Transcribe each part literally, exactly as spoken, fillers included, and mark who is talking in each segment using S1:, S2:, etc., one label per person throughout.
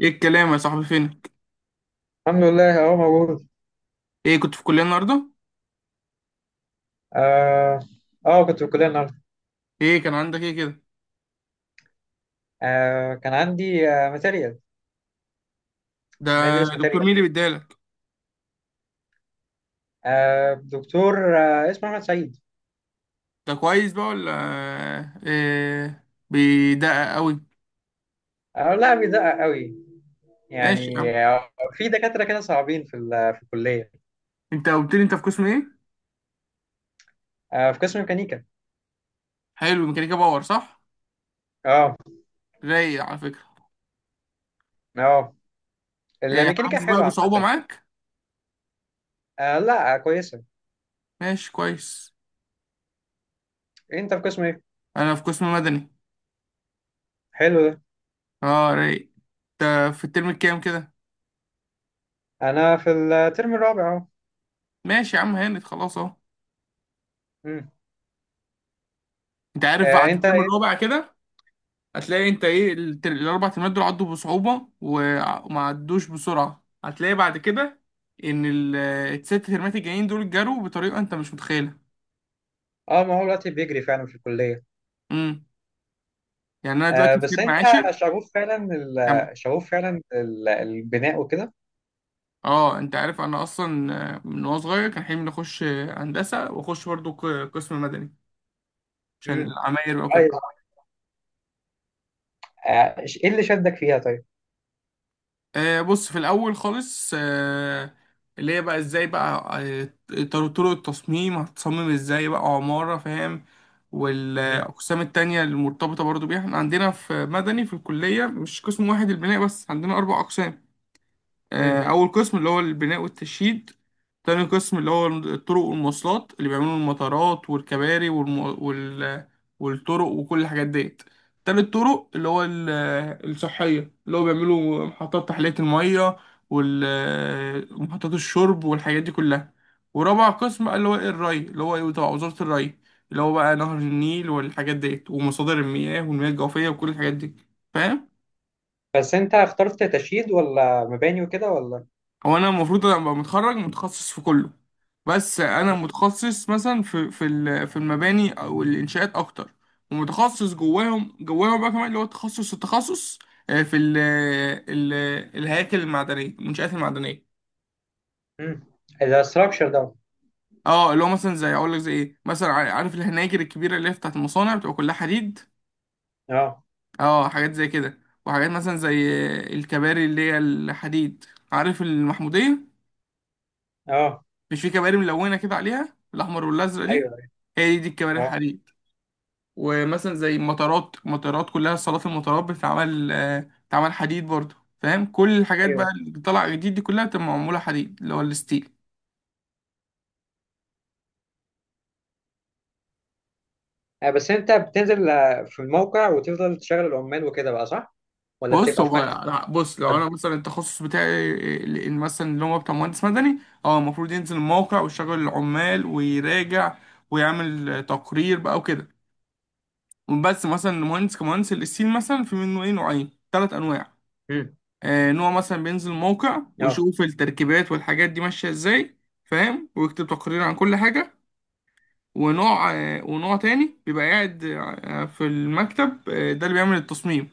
S1: ايه الكلام يا صاحبي، فينك؟
S2: الحمد لله، اهو موجود.
S1: ايه، كنت في الكليه النهارده؟
S2: اه. اه، كنت في الكليه النهارده.
S1: ايه كان عندك ايه كده؟
S2: آه كان عندي آه ماتيريال.
S1: ده،
S2: بندرس
S1: دكتور
S2: ماتيريال.
S1: مين اللي بيديلك؟
S2: آه دكتور آه اسمه احمد سعيد.
S1: ده كويس بقى ولا ايه، بيدقق قوي؟
S2: آه، لا، بيدقق قوي.
S1: ماشي يا
S2: يعني
S1: عم.
S2: آه في دكاتره كده صعبين في ال- في الكليه.
S1: انت قلت لي انت في قسم ايه؟
S2: آه في قسم ميكانيكا.
S1: حلو، ميكانيكا باور صح؟
S2: اه.
S1: رايق على فكره.
S2: اه،
S1: ايه،
S2: الميكانيكا
S1: حاسس بقى
S2: حلوه
S1: بصعوبه
S2: عامه.
S1: معاك؟
S2: آه، لا، كويسه.
S1: ماشي كويس.
S2: انت في قسم ايه؟
S1: انا في قسم مدني.
S2: حلو ده.
S1: اه، رايق. انت في الترم الكام كده؟
S2: انا في الترم الرابع اهو.
S1: ماشي يا عم، هانت خلاص اهو.
S2: مم.
S1: انت عارف
S2: آه
S1: بعد
S2: انت
S1: الترم
S2: ايه؟
S1: الرابع كده، هتلاقي انت ايه، التر- الاربع ترمات دول عدوا بصعوبة وع- وما عدوش بسرعة، هتلاقي بعد كده ان ال- الست ترمات الجايين دول جروا بطريقة انت مش متخيلها.
S2: اه، ما هو دلوقتي بيجري فعلا في الكليه.
S1: امم يعني انا
S2: آه،
S1: دلوقتي في
S2: بس
S1: ترم
S2: انت
S1: عاشر.
S2: شغوف فعلا
S1: كم؟
S2: ال- شغوف فعلا ال- البناء وكده.
S1: اه، انت عارف انا اصلا، آه، من وانا صغير كان حلمي اني اخش، آه، هندسة، واخش برضو ق- قسم مدني عشان
S2: امم،
S1: العماير بقى وكده.
S2: طيب. آه، ايه اللي شدك فيها، طيب؟
S1: آه، بص، في الاول خالص، آه، اللي هي بقى ازاي بقى، آه، طر- طرق التصميم هتصمم ازاي بقى عمارة، فاهم؟
S2: امم.
S1: والاقسام التانية المرتبطة برضو بيها، احنا عندنا في مدني في الكلية مش قسم واحد البناء بس، عندنا اربع اقسام. آه،
S2: امم.
S1: أول قسم اللي هو البناء والتشييد. تاني قسم اللي هو الطرق والمواصلات، اللي بيعملوا المطارات والكباري والم... وال... والطرق وكل الحاجات ديت. تالت طرق اللي هو ال- الصحية، اللي هو بيعملوا محطات تحلية المية ومحطات الشرب والحاجات دي كلها. ورابع قسم بقى اللي هو الري، اللي هو تبع وزارة الري، اللي هو بقى نهر النيل والحاجات ديت، ومصادر المياه والمياه الجوفية وكل الحاجات دي. فاهم؟
S2: بس انت اخترت تشييد ولا مباني وكده ولا؟
S1: هو انا المفروض ابقى متخرج متخصص في كله، بس انا متخصص مثلا في في ال- في المباني او الانشاءات اكتر، ومتخصص جواهم جواهم بقى كمان اللي هو تخصص التخصص، آه، في ال ال الهياكل المعدنيه، المنشآت المعدنيه.
S2: امم. ده ستراكشر ده؟
S1: اه، اللي هو مثلا زي اقول لك زي ايه، مثلا ع- عارف الهناجر الكبيره اللي هي بتاعت المصانع بتبقى كلها حديد.
S2: اه.
S1: اه، حاجات زي كده. وحاجات مثلا زي آه، الكباري اللي هي الحديد. عارف المحموديه؟
S2: اه.
S1: مش في كباري ملونة كده عليها الأحمر والأزرق دي؟
S2: ايوه.
S1: هي دي, دي الكباري
S2: اه.
S1: الحديد. ومثلا زي مطارات، مطارات كلها صالات المطارات بتتعمل، آه، بتتعمل حديد برضه. فاهم كل الحاجات بقى
S2: ايوه.
S1: اللي طالعة جديد دي كلها بتبقى معمولة حديد، اللي هو الستيل.
S2: آه، بس انت بتنزل آه، في الموقع، وتفضل تشغل العمال وكده بقى، صح؟ ولا
S1: بص،
S2: بتبقى في
S1: هو
S2: مكتب؟
S1: لا، بص لو انا مثلا التخصص بتاعي ال- ال- مثلا اللي هو بتاع مهندس مدني، اه المفروض ينزل الموقع ويشغل العمال ويراجع ويعمل تقرير بقى وكده. بس مثلا المهندس، كمهندس الستيل مثلا، في منه ايه، نوعين ثلاث انواع.
S2: امم.
S1: آه، ان هو مثلا بينزل موقع
S2: اه.
S1: ويشوف التركيبات والحاجات دي ماشيه ازاي، فاهم، ويكتب تقرير عن كل حاجه. ونوع آه، ونوع تاني بيبقى قاعد آه، في المكتب، آه، ده اللي بيعمل التصميم.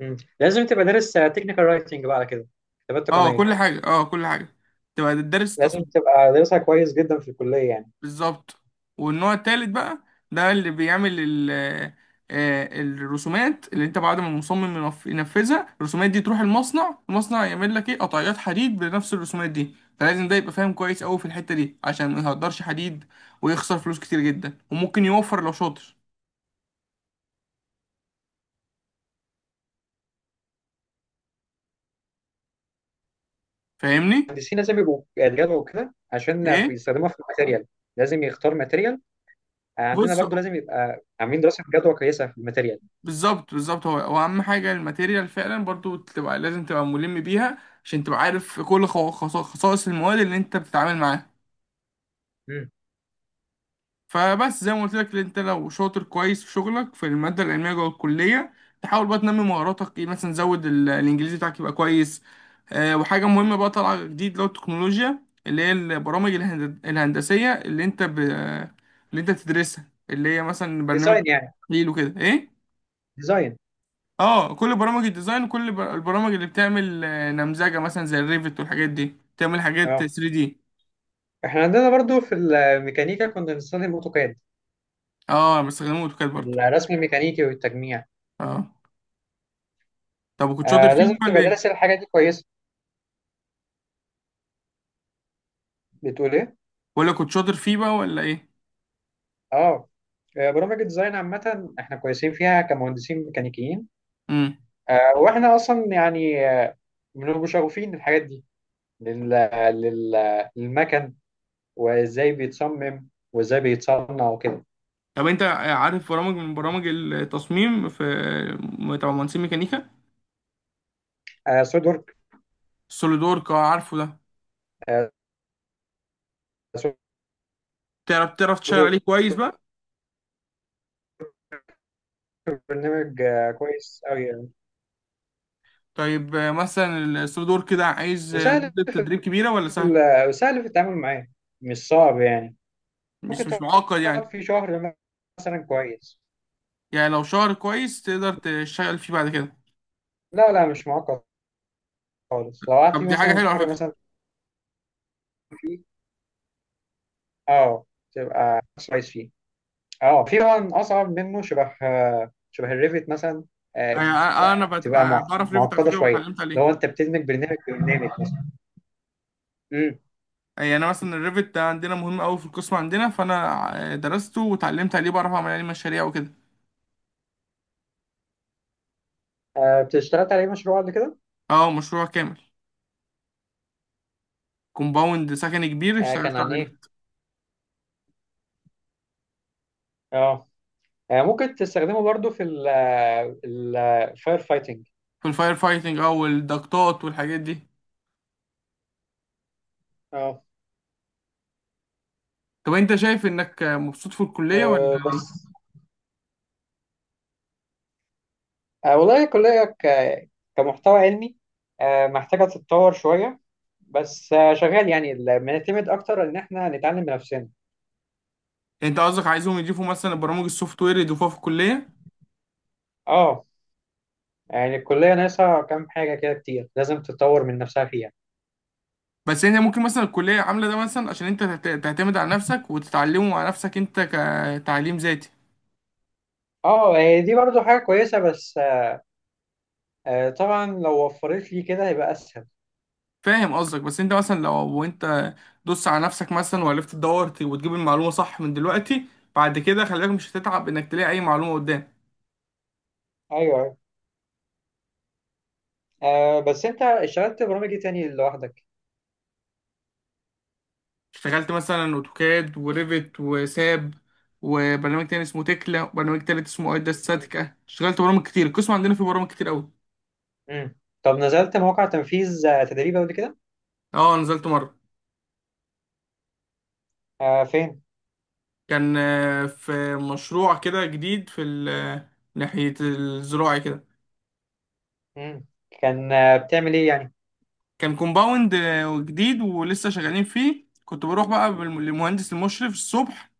S2: مم. لازم تبقى دارس تكنيكال رايتنج بقى على كده. كتابات
S1: اه
S2: تقنيه.
S1: كل حاجه، اه كل حاجه، تبقى دارس
S2: لازم
S1: التصميم.
S2: تبقى دارسها كويس جدا في الكليه يعني.
S1: بالظبط. والنوع التالت بقى، ده اللي بيعمل ال آه، الرسومات، اللي انت بعد ما المصمم ينف- ينفذها، الرسومات دي تروح المصنع، المصنع يعمل لك ايه، قطعيات حديد بنفس الرسومات دي. فلازم ده يبقى فاهم كويس قوي في الحتة دي عشان ما يهدرش حديد ويخسر فلوس كتير جدا، وممكن يوفر لو شاطر. فاهمني؟
S2: المهندسين لازم يبقوا يدرسوا كده عشان في-
S1: ايه.
S2: يستخدموها في الماتيريال. لازم يختار ماتيريال. آه، عندنا
S1: بص،
S2: برضو لازم يبقى عاملين دراسة جدوى كويسة في الماتيريال.
S1: بالظبط بالظبط، هو هو اهم حاجة الماتيريال فعلا برضو، تبقى لازم تبقى ملم بيها عشان تبقى عارف كل خوا- خصا- خصائص المواد اللي انت بتتعامل معاها.
S2: مم.
S1: فبس زي ما قلت لك، انت لو شاطر كويس في شغلك في الماده العلميه جوه الكليه، تحاول بقى تنمي مهاراتك، ايه مثلا، زود ال- الانجليزي بتاعك يبقى كويس. آه، وحاجه مهمه بقى طالعه جديد، اللي هو التكنولوجيا، اللي هي البرامج الهند- الهندسيه، اللي انت ب... اللي انت تدرسها، اللي هي مثلا برنامج
S2: ديزاين يعني؟
S1: تحليل وكده، ايه،
S2: ديزاين.
S1: اه كل برامج الديزاين وكل بر- البرامج اللي بتعمل آه، نمذجه، مثلا زي الريفت والحاجات دي تعمل حاجات
S2: اه،
S1: ثري دي.
S2: احنا عندنا برضو في الميكانيكا كنا بنستخدم اوتوكاد.
S1: اه، بستخدمه اوتوكاد برضه.
S2: الرسم الميكانيكي والتجميع.
S1: اه. طب وكنت شاطر
S2: آه
S1: فيه
S2: لازم
S1: ولا
S2: تبقى
S1: ايه؟
S2: دارس الحاجة دي كويس. بتقول ايه؟
S1: ولا كنت شاطر فيه بقى ولا ايه؟
S2: اه. آه، برامج الديزاين عامة احنا كويسين فيها كمهندسين ميكانيكيين.
S1: امم
S2: آه واحنا اصلا يعني آه، بنبقى شغوفين الحاجات دي لل... لل... للمكن، وازاي بيتصمم وازاي بيتصنع وكده.
S1: طب انت عارف برامج من برامج التصميم، في تبع مهندسين ميكانيكا؟
S2: آه سود ورك.
S1: سوليدورك، اه عارفه ده.
S2: آه سود
S1: تعرف تعرف تشتغل
S2: ورك،
S1: عليه كويس بقى؟
S2: برنامج آه كويس قوي يعني.
S1: طيب، آه، مثلا السوليدورك ده عايز آه،
S2: وسهل.
S1: مدة تدريب كبيرة ولا سهل؟
S2: ال- وسهل في التعامل معاه. مش صعب يعني.
S1: مش
S2: ممكن
S1: مش معقد
S2: تقعد
S1: يعني؟
S2: فيه شهر مثلا، كويس.
S1: يعني لو شهر كويس تقدر تشتغل فيه بعد كده؟
S2: لا، لا، مش معقد خالص. لو قعدت
S1: طب
S2: فيه
S1: دي حاجة
S2: مثلا
S1: حلوة على
S2: شهر
S1: فكرة.
S2: مثلا فيه. اه. تبقى كويس فيه. اه، في طبعا اصعب منه، شبه آه، شبه الريفت مثلا. آه،
S1: انا انا بت-
S2: بتبقى مع-
S1: بعرف ريفت على
S2: معقده
S1: فكرة
S2: شويه.
S1: واتعلمت عليه.
S2: لو انت بتدمج برنامج برنامج مثلا.
S1: يعني انا مثلا الريفت ده عندنا مهم قوي في القسم عندنا، فانا آه، درسته واتعلمت عليه، بعرف اعمل عليه مشاريع وكده.
S2: آه، اشتغلت عليه مشروع قبل كده؟
S1: اه، مشروع كامل، كومباوند سكني كبير
S2: آه، كان
S1: اشتغلت
S2: عن
S1: عليه.
S2: ايه؟ اه. آه، ممكن تستخدمه برضو في الفاير فايتنج.
S1: في الفاير فايتنج او الضغطات والحاجات دي.
S2: اه.
S1: طب انت شايف انك مبسوط في الكليه ولا؟
S2: آه،
S1: ايه يعني؟
S2: بس. آه، والله الكلية ك- كمحتوى علمي، آه، محتاجة تتطور شوية. بس آه، شغال يعني، ال- بنعتمد أكتر إن إحنا نتعلم بنفسنا.
S1: انت قصدك عايزهم يضيفوا مثلا برامج السوفت وير، يضيفوها في الكليه؟
S2: اه. يعني الكلية ناقصة كام حاجة كده كتير، لازم تتطور من نفسها فيها.
S1: بس انت ممكن مثلا الكليه عامله ده مثلا عشان انت تت- تعتمد على نفسك وتتعلمه مع نفسك انت، كتعليم ذاتي.
S2: اه، آه، دي برضو حاجة كويسة، بس آه، طبعا لو وفرت لي كده هيبقى أسهل.
S1: فاهم قصدك، بس انت مثلا لو انت دوس على نفسك مثلا وعرفت تدور ت- وتجيب المعلومه صح من دلوقتي، بعد كده خلي بالك مش هتتعب انك تلاقي اي معلومه قدام.
S2: أيوه. آه بس انت اشتغلت برامج ايه تاني لوحدك؟
S1: اشتغلت مثلا اوتوكاد وريفت وساب، وبرنامج تاني اسمه تكلا، وبرنامج تالت اسمه ايدا
S2: مم.
S1: ستاتيكا، اشتغلت برامج كتير، القسم عندنا فيه برامج كتير قوي.
S2: مم. طب نزلت مواقع تنفيذ آه، تدريب قبل كده؟
S1: اه، نزلت مرة.
S2: آه فين؟
S1: كان آه، في مشروع كده جديد، في ال- آه، ناحية الزراعي كده.
S2: مم. كان آه بتعمل ايه يعني؟
S1: كان كومباوند آه، جديد ولسه شغالين فيه، كنت بروح بقى بال- للمهندس المشرف الصبح،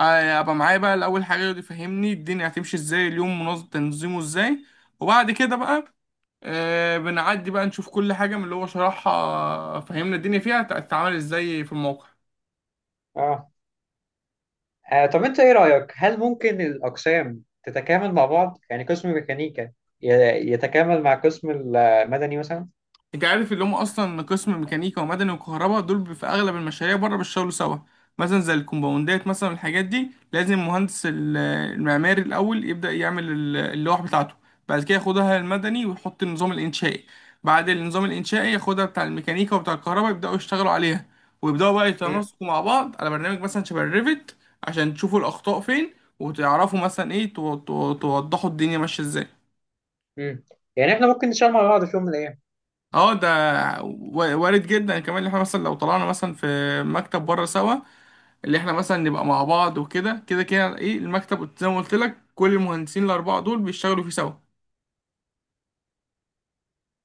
S1: آه، ابقى معايا بقى الاول حاجة، يقعد يفهمني الدنيا هتمشي ازاي، اليوم منظم تنظيمه ازاي، وبعد كده بقى آه، بنعدي بقى نشوف كل حاجة من اللي هو شرحها، فهمنا الدنيا فيها تتعامل ازاي في الموقع.
S2: اه. آه، طب انت ايه رأيك، هل ممكن الاقسام تتكامل مع بعض؟ يعني قسم ميكانيكا ي- يتكامل مع قسم المدني مثلا؟
S1: انت عارف اللي هم اصلا قسم ميكانيكا ومدني وكهرباء دول، بي- في اغلب المشاريع بره بيشتغلوا سوا. مثلا زي الكومباوندات، مثلا الحاجات دي لازم مهندس ال- المعماري الاول يبدا يعمل ال- اللوح بتاعته، بعد كده ياخدها المدني ويحط النظام الانشائي، بعد النظام الانشائي ياخدها بتاع الميكانيكا وبتاع الكهرباء، يبداوا يشتغلوا عليها ويبداوا بقى
S2: مم.
S1: يتناسقوا مع بعض على برنامج مثلا شبه الريفت، عشان تشوفوا الاخطاء فين، وتعرفوا مثلا ايه، تو- تو- توضحوا الدنيا ماشيه ازاي.
S2: مم. يعني احنا ممكن نشتغل مع بعض في يوم من الايام.
S1: اه ده و- وارد جدا، كمان ان احنا مثلا لو طلعنا مثلا في مكتب بره سوا، اللي احنا مثلا نبقى مع بعض وكده كده كده، ايه المكتب زي ما قلت لك، كل المهندسين الاربعه دول بيشتغلوا فيه سوا.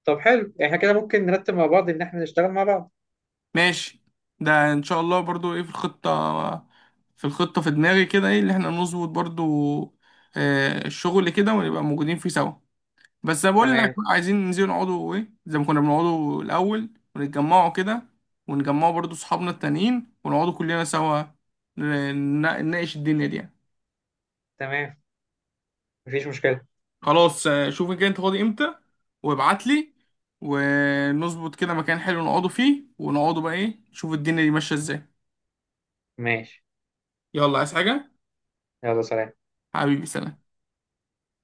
S2: طب حلو، احنا كده ممكن نرتب مع بعض ان احنا نشتغل مع بعض.
S1: ماشي، ده ان شاء الله برضو ايه في الخطه، في الخطه في دماغي كده، ايه اللي احنا نظبط برضو آه، الشغل كده، ونبقى موجودين فيه سوا. بس أنا بقول لك
S2: تمام.
S1: بقى، عايزين ننزل نقعدوا ايه زي ما كنا بنقعدوا الاول، ونتجمعوا كده، ونجمعوا برضو صحابنا التانيين ونقعدوا كلنا سوا، ن- ن- نناقش الدنيا دي يعني.
S2: تمام. مفيش مشكلة.
S1: خلاص، آه، شوف كده انت فاضي امتى وابعت لي، ونظبط كده مكان حلو نقعدوا فيه، ونقعدوا بقى ايه، نشوف الدنيا دي ماشية ازاي.
S2: ماشي.
S1: يلا، عايز حاجة؟
S2: يلا، سلام.
S1: حبيبي، سلام.